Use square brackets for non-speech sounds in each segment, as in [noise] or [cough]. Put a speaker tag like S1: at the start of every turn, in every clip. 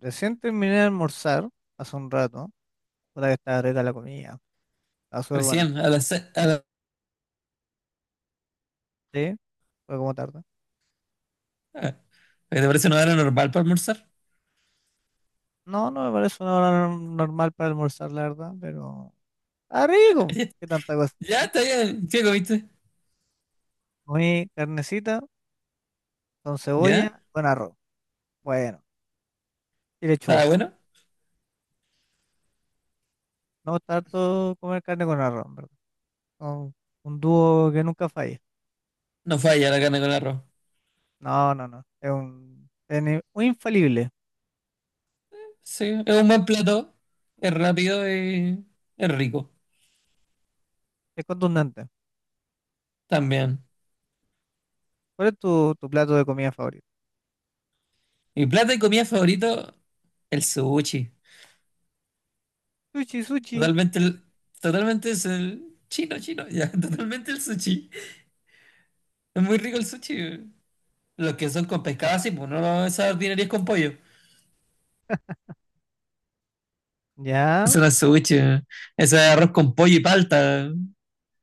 S1: Recién terminé de almorzar hace un rato. Puta que estaba rica la comida. Estaba súper buena.
S2: Recién, a las
S1: Sí, fue como tarde.
S2: ah, ¿te parece una hora normal para almorzar?
S1: No, no me parece una hora normal para almorzar, la verdad, pero. ¡Ah,
S2: [laughs]
S1: rico!
S2: Ya,
S1: ¿Qué tanta cosa?
S2: ya, está bien. ¿Qué comiste?
S1: Comí carnecita con
S2: ¿Ya?
S1: cebolla, con arroz. Bueno, y lechuga.
S2: ¿Estaba bueno?
S1: No me gusta harto comer carne con arroz, ¿en verdad? Un, un dúo que nunca falla.
S2: No falla la carne con arroz.
S1: No, no, no. Es un. Es un infalible.
S2: Sí, es un buen plato. Es rápido y es rico
S1: Es contundente.
S2: también.
S1: ¿Cuál es tu plato de comida favorito?
S2: Mi plato y comida favorito, el sushi.
S1: Sushi, sushi. ¿Y
S2: Totalmente
S1: qué sushi?
S2: totalmente es el chino, chino. Ya, [laughs] totalmente el sushi. Es muy rico el sushi. Los que son con pescado así, pues no esas dinerías con pollo.
S1: Ya.
S2: Eso no es sushi. Eso es arroz con pollo y palta.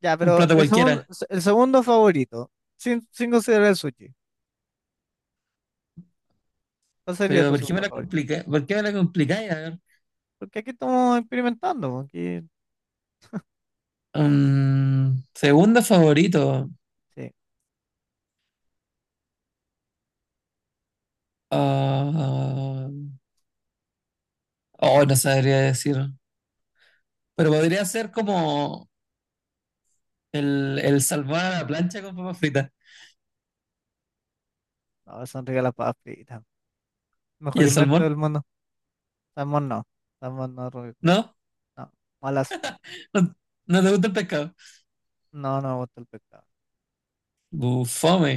S1: Ya,
S2: Un
S1: pero
S2: plato cualquiera.
S1: el segundo favorito, sin considerar el sushi, ¿cuál sería
S2: Pero
S1: tu
S2: ¿por qué me
S1: segundo
S2: la
S1: favorito?
S2: complica? ¿Por qué me la complicáis? A ver.
S1: Porque aquí estamos experimentando, po, aquí,
S2: Mm, segundo favorito.
S1: sí,
S2: Ah, oh, no sabría decir. Pero podría ser como el salmón a la plancha con papas fritas.
S1: no, son ricas las papas fritas.
S2: ¿Y
S1: Mejor
S2: el
S1: invento
S2: salmón?
S1: del mundo. Salmón no, salmón no, Rubio,
S2: ¿No?
S1: no, malas,
S2: ¿No, no te gusta el pescado?
S1: no, no me gusta el pescado.
S2: Bufome.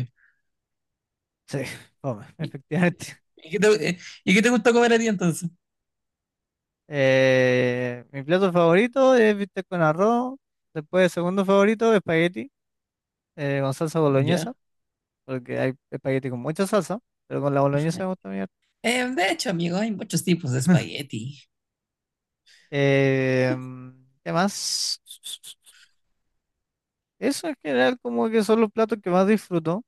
S1: Sí, [laughs] come,
S2: ¿Y,
S1: efectivamente.
S2: y qué te, eh, ¿Y qué te gusta comer a ti entonces?
S1: Mi plato favorito es bistec con arroz, después segundo favorito, espagueti, con salsa boloñesa,
S2: Ya.
S1: porque hay espagueti con mucha salsa, pero con la boloñesa me gusta.
S2: De hecho, amigo, hay muchos tipos de espagueti.
S1: Eh, ¿Qué más? Eso en general como que son los platos que más disfruto.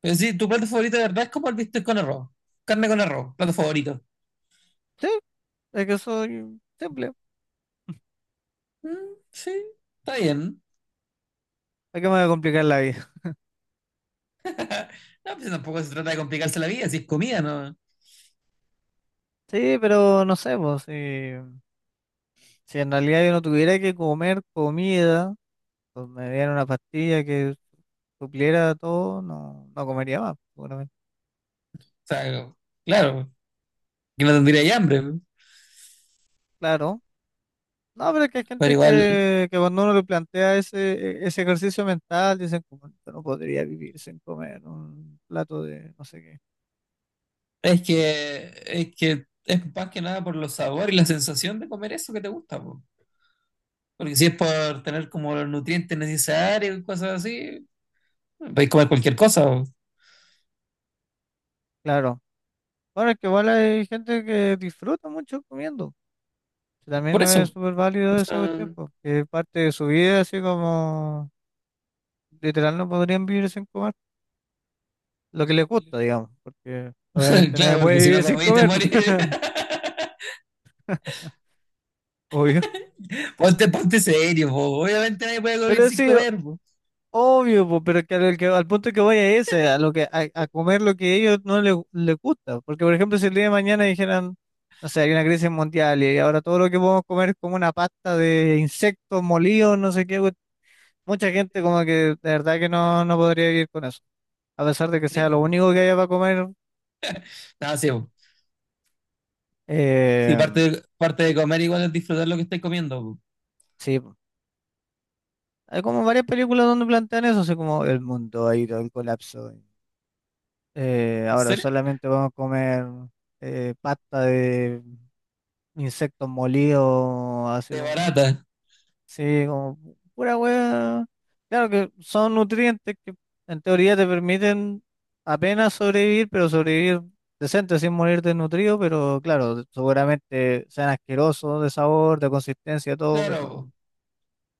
S2: Pero sí, tu plato favorito de verdad es como el bistec con arroz. Carne con arroz, plato favorito.
S1: Sí, es que soy simple.
S2: Mm, sí, está bien.
S1: ¿Para qué me voy a complicar la vida? [laughs]
S2: No, pues tampoco se trata de complicarse la vida, si es comida, ¿no? O
S1: Sí, pero no sé, pues, si, si en realidad yo no tuviera que comer comida, pues me dieran una pastilla que supliera todo, no, no comería más, seguramente.
S2: sea, claro, que no tendría hambre,
S1: Claro. No, pero es que hay
S2: pero
S1: gente
S2: igual
S1: que cuando uno le plantea ese ejercicio mental, dicen como, yo no podría vivir sin comer un plato de no sé qué.
S2: es que es más que nada por los sabores y la sensación de comer eso que te gusta, po. Porque si es por tener como los nutrientes necesarios y cosas así, podéis comer cualquier cosa, po.
S1: Claro. Bueno, es que igual hay gente que disfruta mucho comiendo, que también
S2: Por
S1: es
S2: eso.
S1: súper
S2: O
S1: válido esa cuestión,
S2: sea,
S1: porque es parte de su vida, así como literal no podrían vivir sin comer. Lo que les gusta, digamos, porque
S2: [laughs]
S1: obviamente nadie
S2: claro,
S1: puede
S2: porque si no
S1: vivir sin
S2: comís te
S1: comer, po.
S2: morís. [laughs]
S1: [laughs] Obvio.
S2: Ponte serio, po. Obviamente nadie puede comer
S1: Pero
S2: sin
S1: sí,
S2: comer, po.
S1: obvio, po, pero que al punto que voy es ese, a, lo que, a comer lo que a ellos no les, les gusta. Porque, por ejemplo, si el día de mañana dijeran, no sé, hay una crisis mundial y ahora todo lo que podemos comer es como una pasta de insectos molidos, no sé qué. Mucha gente como que de verdad que no, no podría vivir con eso. A pesar de que sea lo
S2: Rico.
S1: único que haya para comer,
S2: Nada, sí, po. Sí,
S1: eh,
S2: parte de comer igual es disfrutar lo que estáis comiendo. Po.
S1: sí, po. Hay como varias películas donde plantean eso, así como el mundo ha ido al colapso.
S2: ¿En
S1: Ahora
S2: serio?
S1: solamente vamos a comer pasta de insectos molidos, así
S2: De
S1: como
S2: barata.
S1: sí, como pura wea. Claro que son nutrientes que en teoría te permiten apenas sobrevivir, pero sobrevivir decente sin morir desnutrido, pero claro, seguramente sean asquerosos de sabor, de consistencia, todo,
S2: Claro,
S1: pero
S2: po.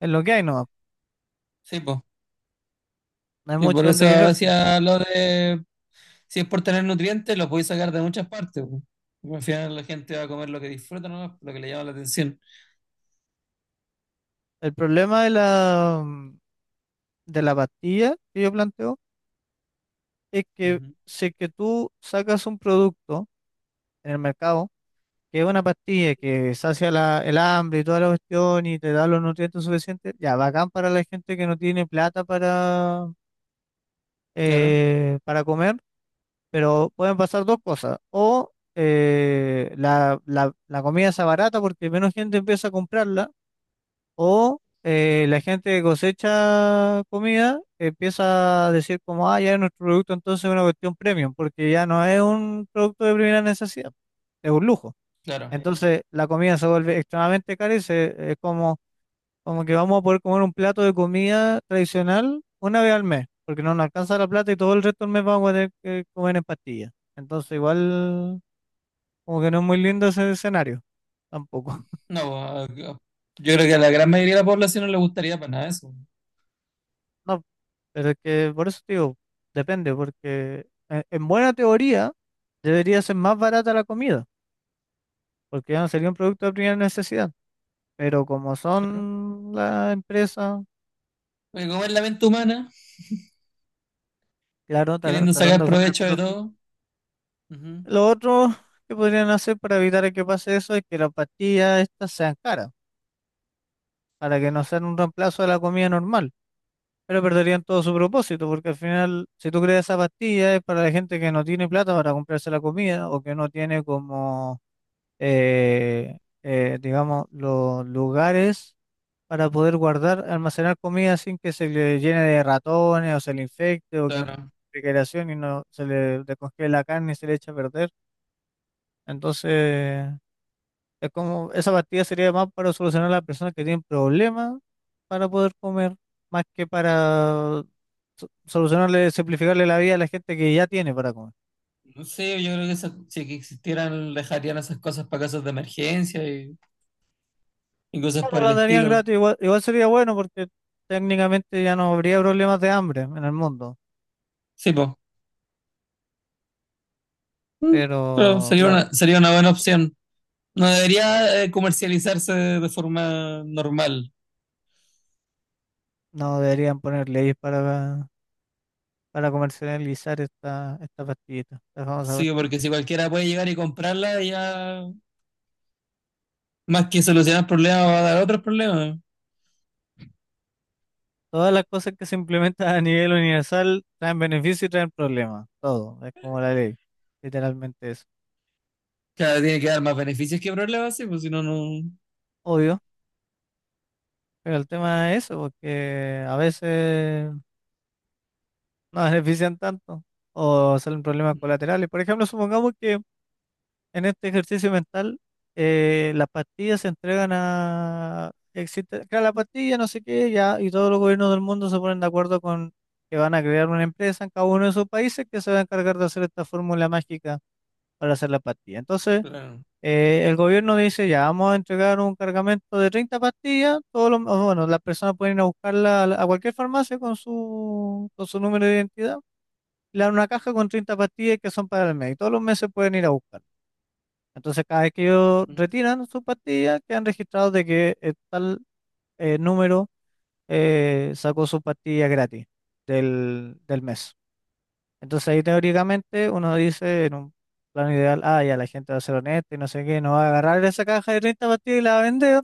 S1: es lo que hay, no,
S2: Sí, po.
S1: no hay
S2: Sí,
S1: mucho
S2: por
S1: donde
S2: eso
S1: quejarse.
S2: decía lo de si es por tener nutrientes, lo podéis sacar de muchas partes. Po. Al final la gente va a comer lo que disfruta, ¿no? Lo que le llama la atención.
S1: El problema de la, de la pastilla que yo planteo es que
S2: Ujú.
S1: si es que tú sacas un producto en el mercado, que es una pastilla que sacia el hambre y toda la cuestión y te da los nutrientes suficientes, ya, bacán para la gente que no tiene plata
S2: Claro,
S1: para comer, pero pueden pasar dos cosas. O la comida está barata porque menos gente empieza a comprarla, o la gente que cosecha comida empieza a decir como, ah, ya es nuestro producto, entonces es una cuestión premium, porque ya no es un producto de primera necesidad, es un lujo.
S2: claro.
S1: Entonces la comida se vuelve extremadamente cara y se, es como, como que vamos a poder comer un plato de comida tradicional una vez al mes, porque no nos alcanza la plata y todo el resto del mes vamos a tener que comer en pastillas. Entonces igual como que no es muy lindo ese escenario tampoco. [laughs]
S2: No, po, a- yo creo que a la gran mayoría de la población no le gustaría para nada eso.
S1: No, pero es que por eso te digo, depende, porque en buena teoría debería ser más barata la comida, porque ya no sería un producto de primera necesidad. Pero como
S2: Claro.
S1: son las empresas,
S2: Porque comer la mente humana,
S1: claro,
S2: queriendo
S1: tratando
S2: sacar
S1: de sacar
S2: provecho de
S1: profit.
S2: todo. Ujú.
S1: Lo otro que podrían hacer para evitar que pase eso es que las pastillas estas sean caras, para que no sean un reemplazo de la comida normal, pero perderían todo su propósito, porque al final, si tú creas esa pastilla, es para la gente que no tiene plata para comprarse la comida o que no tiene como, eh, digamos, los lugares para poder guardar, almacenar comida sin que se le llene de ratones o se le infecte o que no tenga
S2: Claro.
S1: refrigeración y no se le descongele la carne y se le eche a perder. Entonces... Es como, esa pastilla sería más para solucionar a las personas que tienen problemas para poder comer, más que para solucionarle, simplificarle la vida a la gente que ya tiene para comer.
S2: No sé, yo creo que esa- si que existieran, dejarían esas cosas para casos de emergencia y cosas
S1: Claro,
S2: por el
S1: la darían
S2: estilo.
S1: gratis, igual, igual sería bueno porque técnicamente ya no habría problemas de hambre en el mundo,
S2: Sí, pues. Pero
S1: pero
S2: sería
S1: claro,
S2: sería una buena opción. No debería comercializarse de forma normal.
S1: no deberían poner leyes para comercializar esta, esta pastillita, esta famosa
S2: Sí,
S1: pastilla.
S2: porque si cualquiera puede llegar y comprarla, ya más que solucionar problemas va a dar otros problemas.
S1: Todas las cosas que se implementan a nivel universal traen beneficios y traen problemas. Todo. Es como la ley. Literalmente eso.
S2: Claro, tiene que dar más beneficios que problemas, sí, pues si no, no.
S1: Obvio. Pero el tema es eso, porque a veces no benefician tanto o salen problemas colaterales. Por ejemplo, supongamos que en este ejercicio mental las pastillas se entregan a... Existe, crea la pastilla, no sé qué, ya, y todos los gobiernos del mundo se ponen de acuerdo con que van a crear una empresa en cada uno de esos países que se va a encargar de hacer esta fórmula mágica para hacer la pastilla. Entonces,
S2: Claro.
S1: el gobierno dice, ya vamos a entregar un cargamento de 30 pastillas, todos los, bueno, las personas pueden ir a buscarla a cualquier farmacia con su número de identidad, le dan una caja con 30 pastillas que son para el mes, y todos los meses pueden ir a buscar. Entonces, cada vez que ellos retiran sus pastillas, quedan registrados de que tal número sacó su pastilla gratis del, del mes. Entonces ahí teóricamente uno dice en un plano ideal, ah, ya la gente va a ser honesta y no sé qué, no va a agarrar esa caja de 30 pastillas y la va a vender,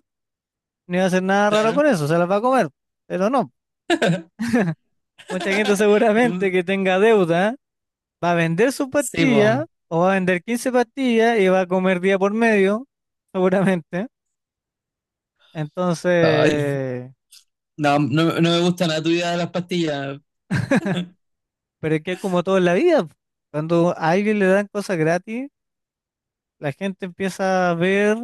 S1: ni va a hacer nada raro
S2: Claro.
S1: con eso, se las va a comer. Pero no, mucha gente
S2: [laughs]
S1: seguramente
S2: No,
S1: que tenga deuda va a vender su
S2: sí, pues.
S1: pastilla o va a vender 15 pastillas y va a comer día por medio, seguramente.
S2: Ay,
S1: Entonces,
S2: no, no, no me gusta nada tu idea de las pastillas.
S1: pero es que es como todo en la vida. Cuando a alguien le dan cosas gratis, la gente empieza a ver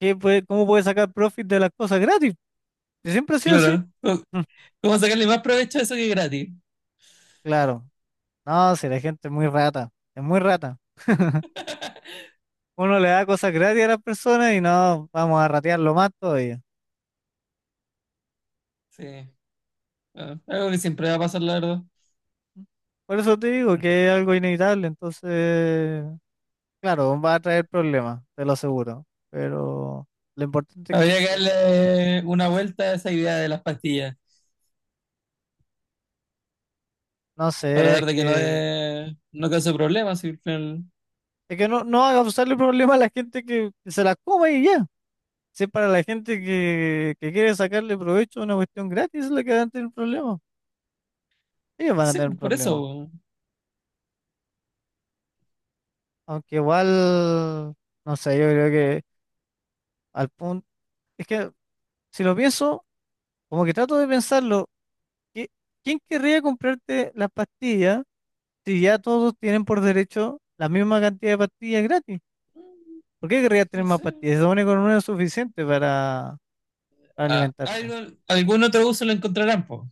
S1: cómo puede sacar profit de las cosas gratis. ¿Y siempre ha sido así?
S2: Claro. Cómo
S1: Mm,
S2: como sacarle más provecho a eso que es gratis.
S1: Claro. No, si la gente es muy rata, es muy rata. [laughs] Uno le da cosas gratis a las personas y no, vamos a ratearlo más todavía.
S2: Sí. Ah, algo que siempre va a pasar, la verdad.
S1: Por eso te digo que es algo inevitable, entonces, claro, va a traer problemas, te lo aseguro. Pero lo importante es
S2: Habría que
S1: que,
S2: darle una vuelta a esa idea de las pastillas
S1: no
S2: para
S1: sé,
S2: dar de que no, de, no cause problemas. Y al final-
S1: es que no, no haga causarle problemas a la gente que se las coma y ya. Si es para la gente que quiere sacarle provecho a una cuestión gratis, es la que van a tener problemas. Ellos van a
S2: sí,
S1: tener
S2: pues, por
S1: problemas.
S2: eso.
S1: Aunque igual, no sé, yo creo que al punto, es que si lo pienso, como que trato de pensarlo, ¿qui- ¿quién querría comprarte las pastillas si ya todos tienen por derecho la misma cantidad de pastillas gratis? ¿Por qué querrías tener
S2: No
S1: más
S2: sé.
S1: pastillas? Se supone que con una es suficiente para
S2: Ah,
S1: alimentarte.
S2: algo- algún otro uso lo encontrarán, po.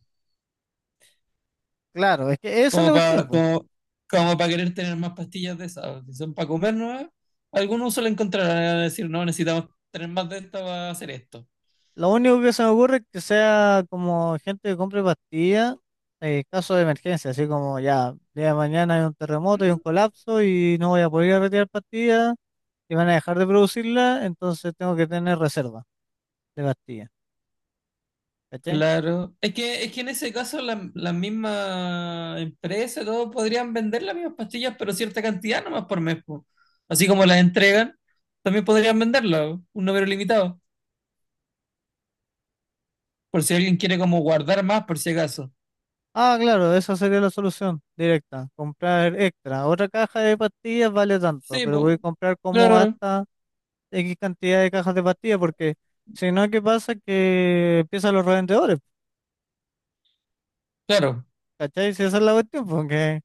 S1: Claro, es que eso es
S2: Como
S1: la cuestión,
S2: para
S1: po.
S2: como, como para querer tener más pastillas de esas. Si son para comer nuevas, algún uso lo encontrarán. Van a decir, no, necesitamos tener más de esto para hacer esto.
S1: Lo único que se me ocurre es que sea como gente que compre pastillas en caso de emergencia, así como ya, día de mañana hay un terremoto y un
S2: Mm.
S1: colapso y no voy a poder ir a retirar pastillas, y van a dejar de producirla, entonces tengo que tener reserva de pastillas, ¿cachai?
S2: Claro. Es que en ese caso la- la misma empresa todos podrían vender las mismas pastillas, pero cierta cantidad nomás por mes, po. Así como las entregan, también podrían venderlas, un número limitado, por si alguien quiere como guardar más, por si acaso.
S1: Ah, claro, esa sería la solución directa, comprar extra. Otra caja de pastillas vale tanto,
S2: Sí,
S1: pero voy a
S2: po,
S1: comprar como
S2: claro,
S1: hasta X cantidad de cajas de pastillas, porque si no, ¿qué pasa? Que empiezan los revendedores,
S2: claro.
S1: ¿cachai? Si esa es la cuestión, porque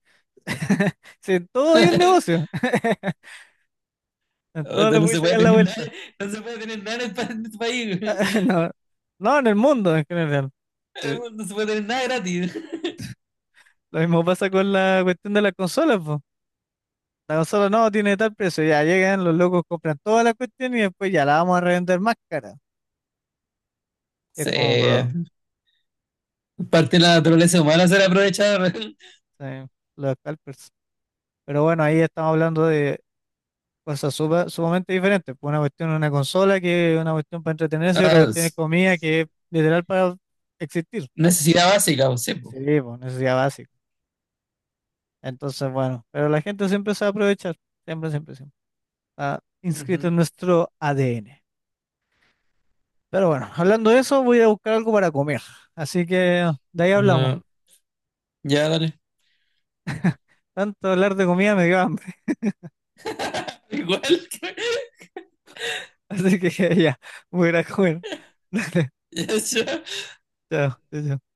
S1: [laughs] si en todo hay un negocio,
S2: [laughs]
S1: [laughs] en todo le
S2: Puta, no
S1: voy
S2: se puede
S1: sacar la
S2: tener nada,
S1: vuelta.
S2: no se puede tener nada en el en este país. [laughs]
S1: [laughs] No, no, en el mundo en general. Sí,
S2: No se puede tener nada gratis.
S1: lo mismo pasa con la cuestión de las consolas. La consola no tiene tal precio, ya llegan los locos, compran toda la cuestión y después ya la vamos a revender más cara. Es como, bro,
S2: Sí, parte de la naturaleza humana ser aprovechar. [laughs]
S1: sí, los scalpers. Pero bueno, ahí estamos hablando de cosas sumamente diferentes, pues. Una cuestión es una consola, que es una cuestión para entretenerse, y
S2: Ah,
S1: otra cuestión es
S2: es
S1: comida, que es literal para existir.
S2: necesidad básica, po, sí,
S1: Sí, pues necesidad básica. Entonces, bueno, pero la gente siempre se va a aprovechar, siempre, siempre, siempre. Está inscrito
S2: po.
S1: en nuestro ADN. Pero bueno, hablando de eso, voy a buscar algo para comer. Así que de ahí hablamos.
S2: No, ya dale.
S1: Tanto hablar de comida me dio hambre.
S2: [laughs] Igual que... [laughs]
S1: Así que [laughs] ya, voy a ir a comer. [laughs] Dale,
S2: Ya, ya.
S1: chao, chao, chao.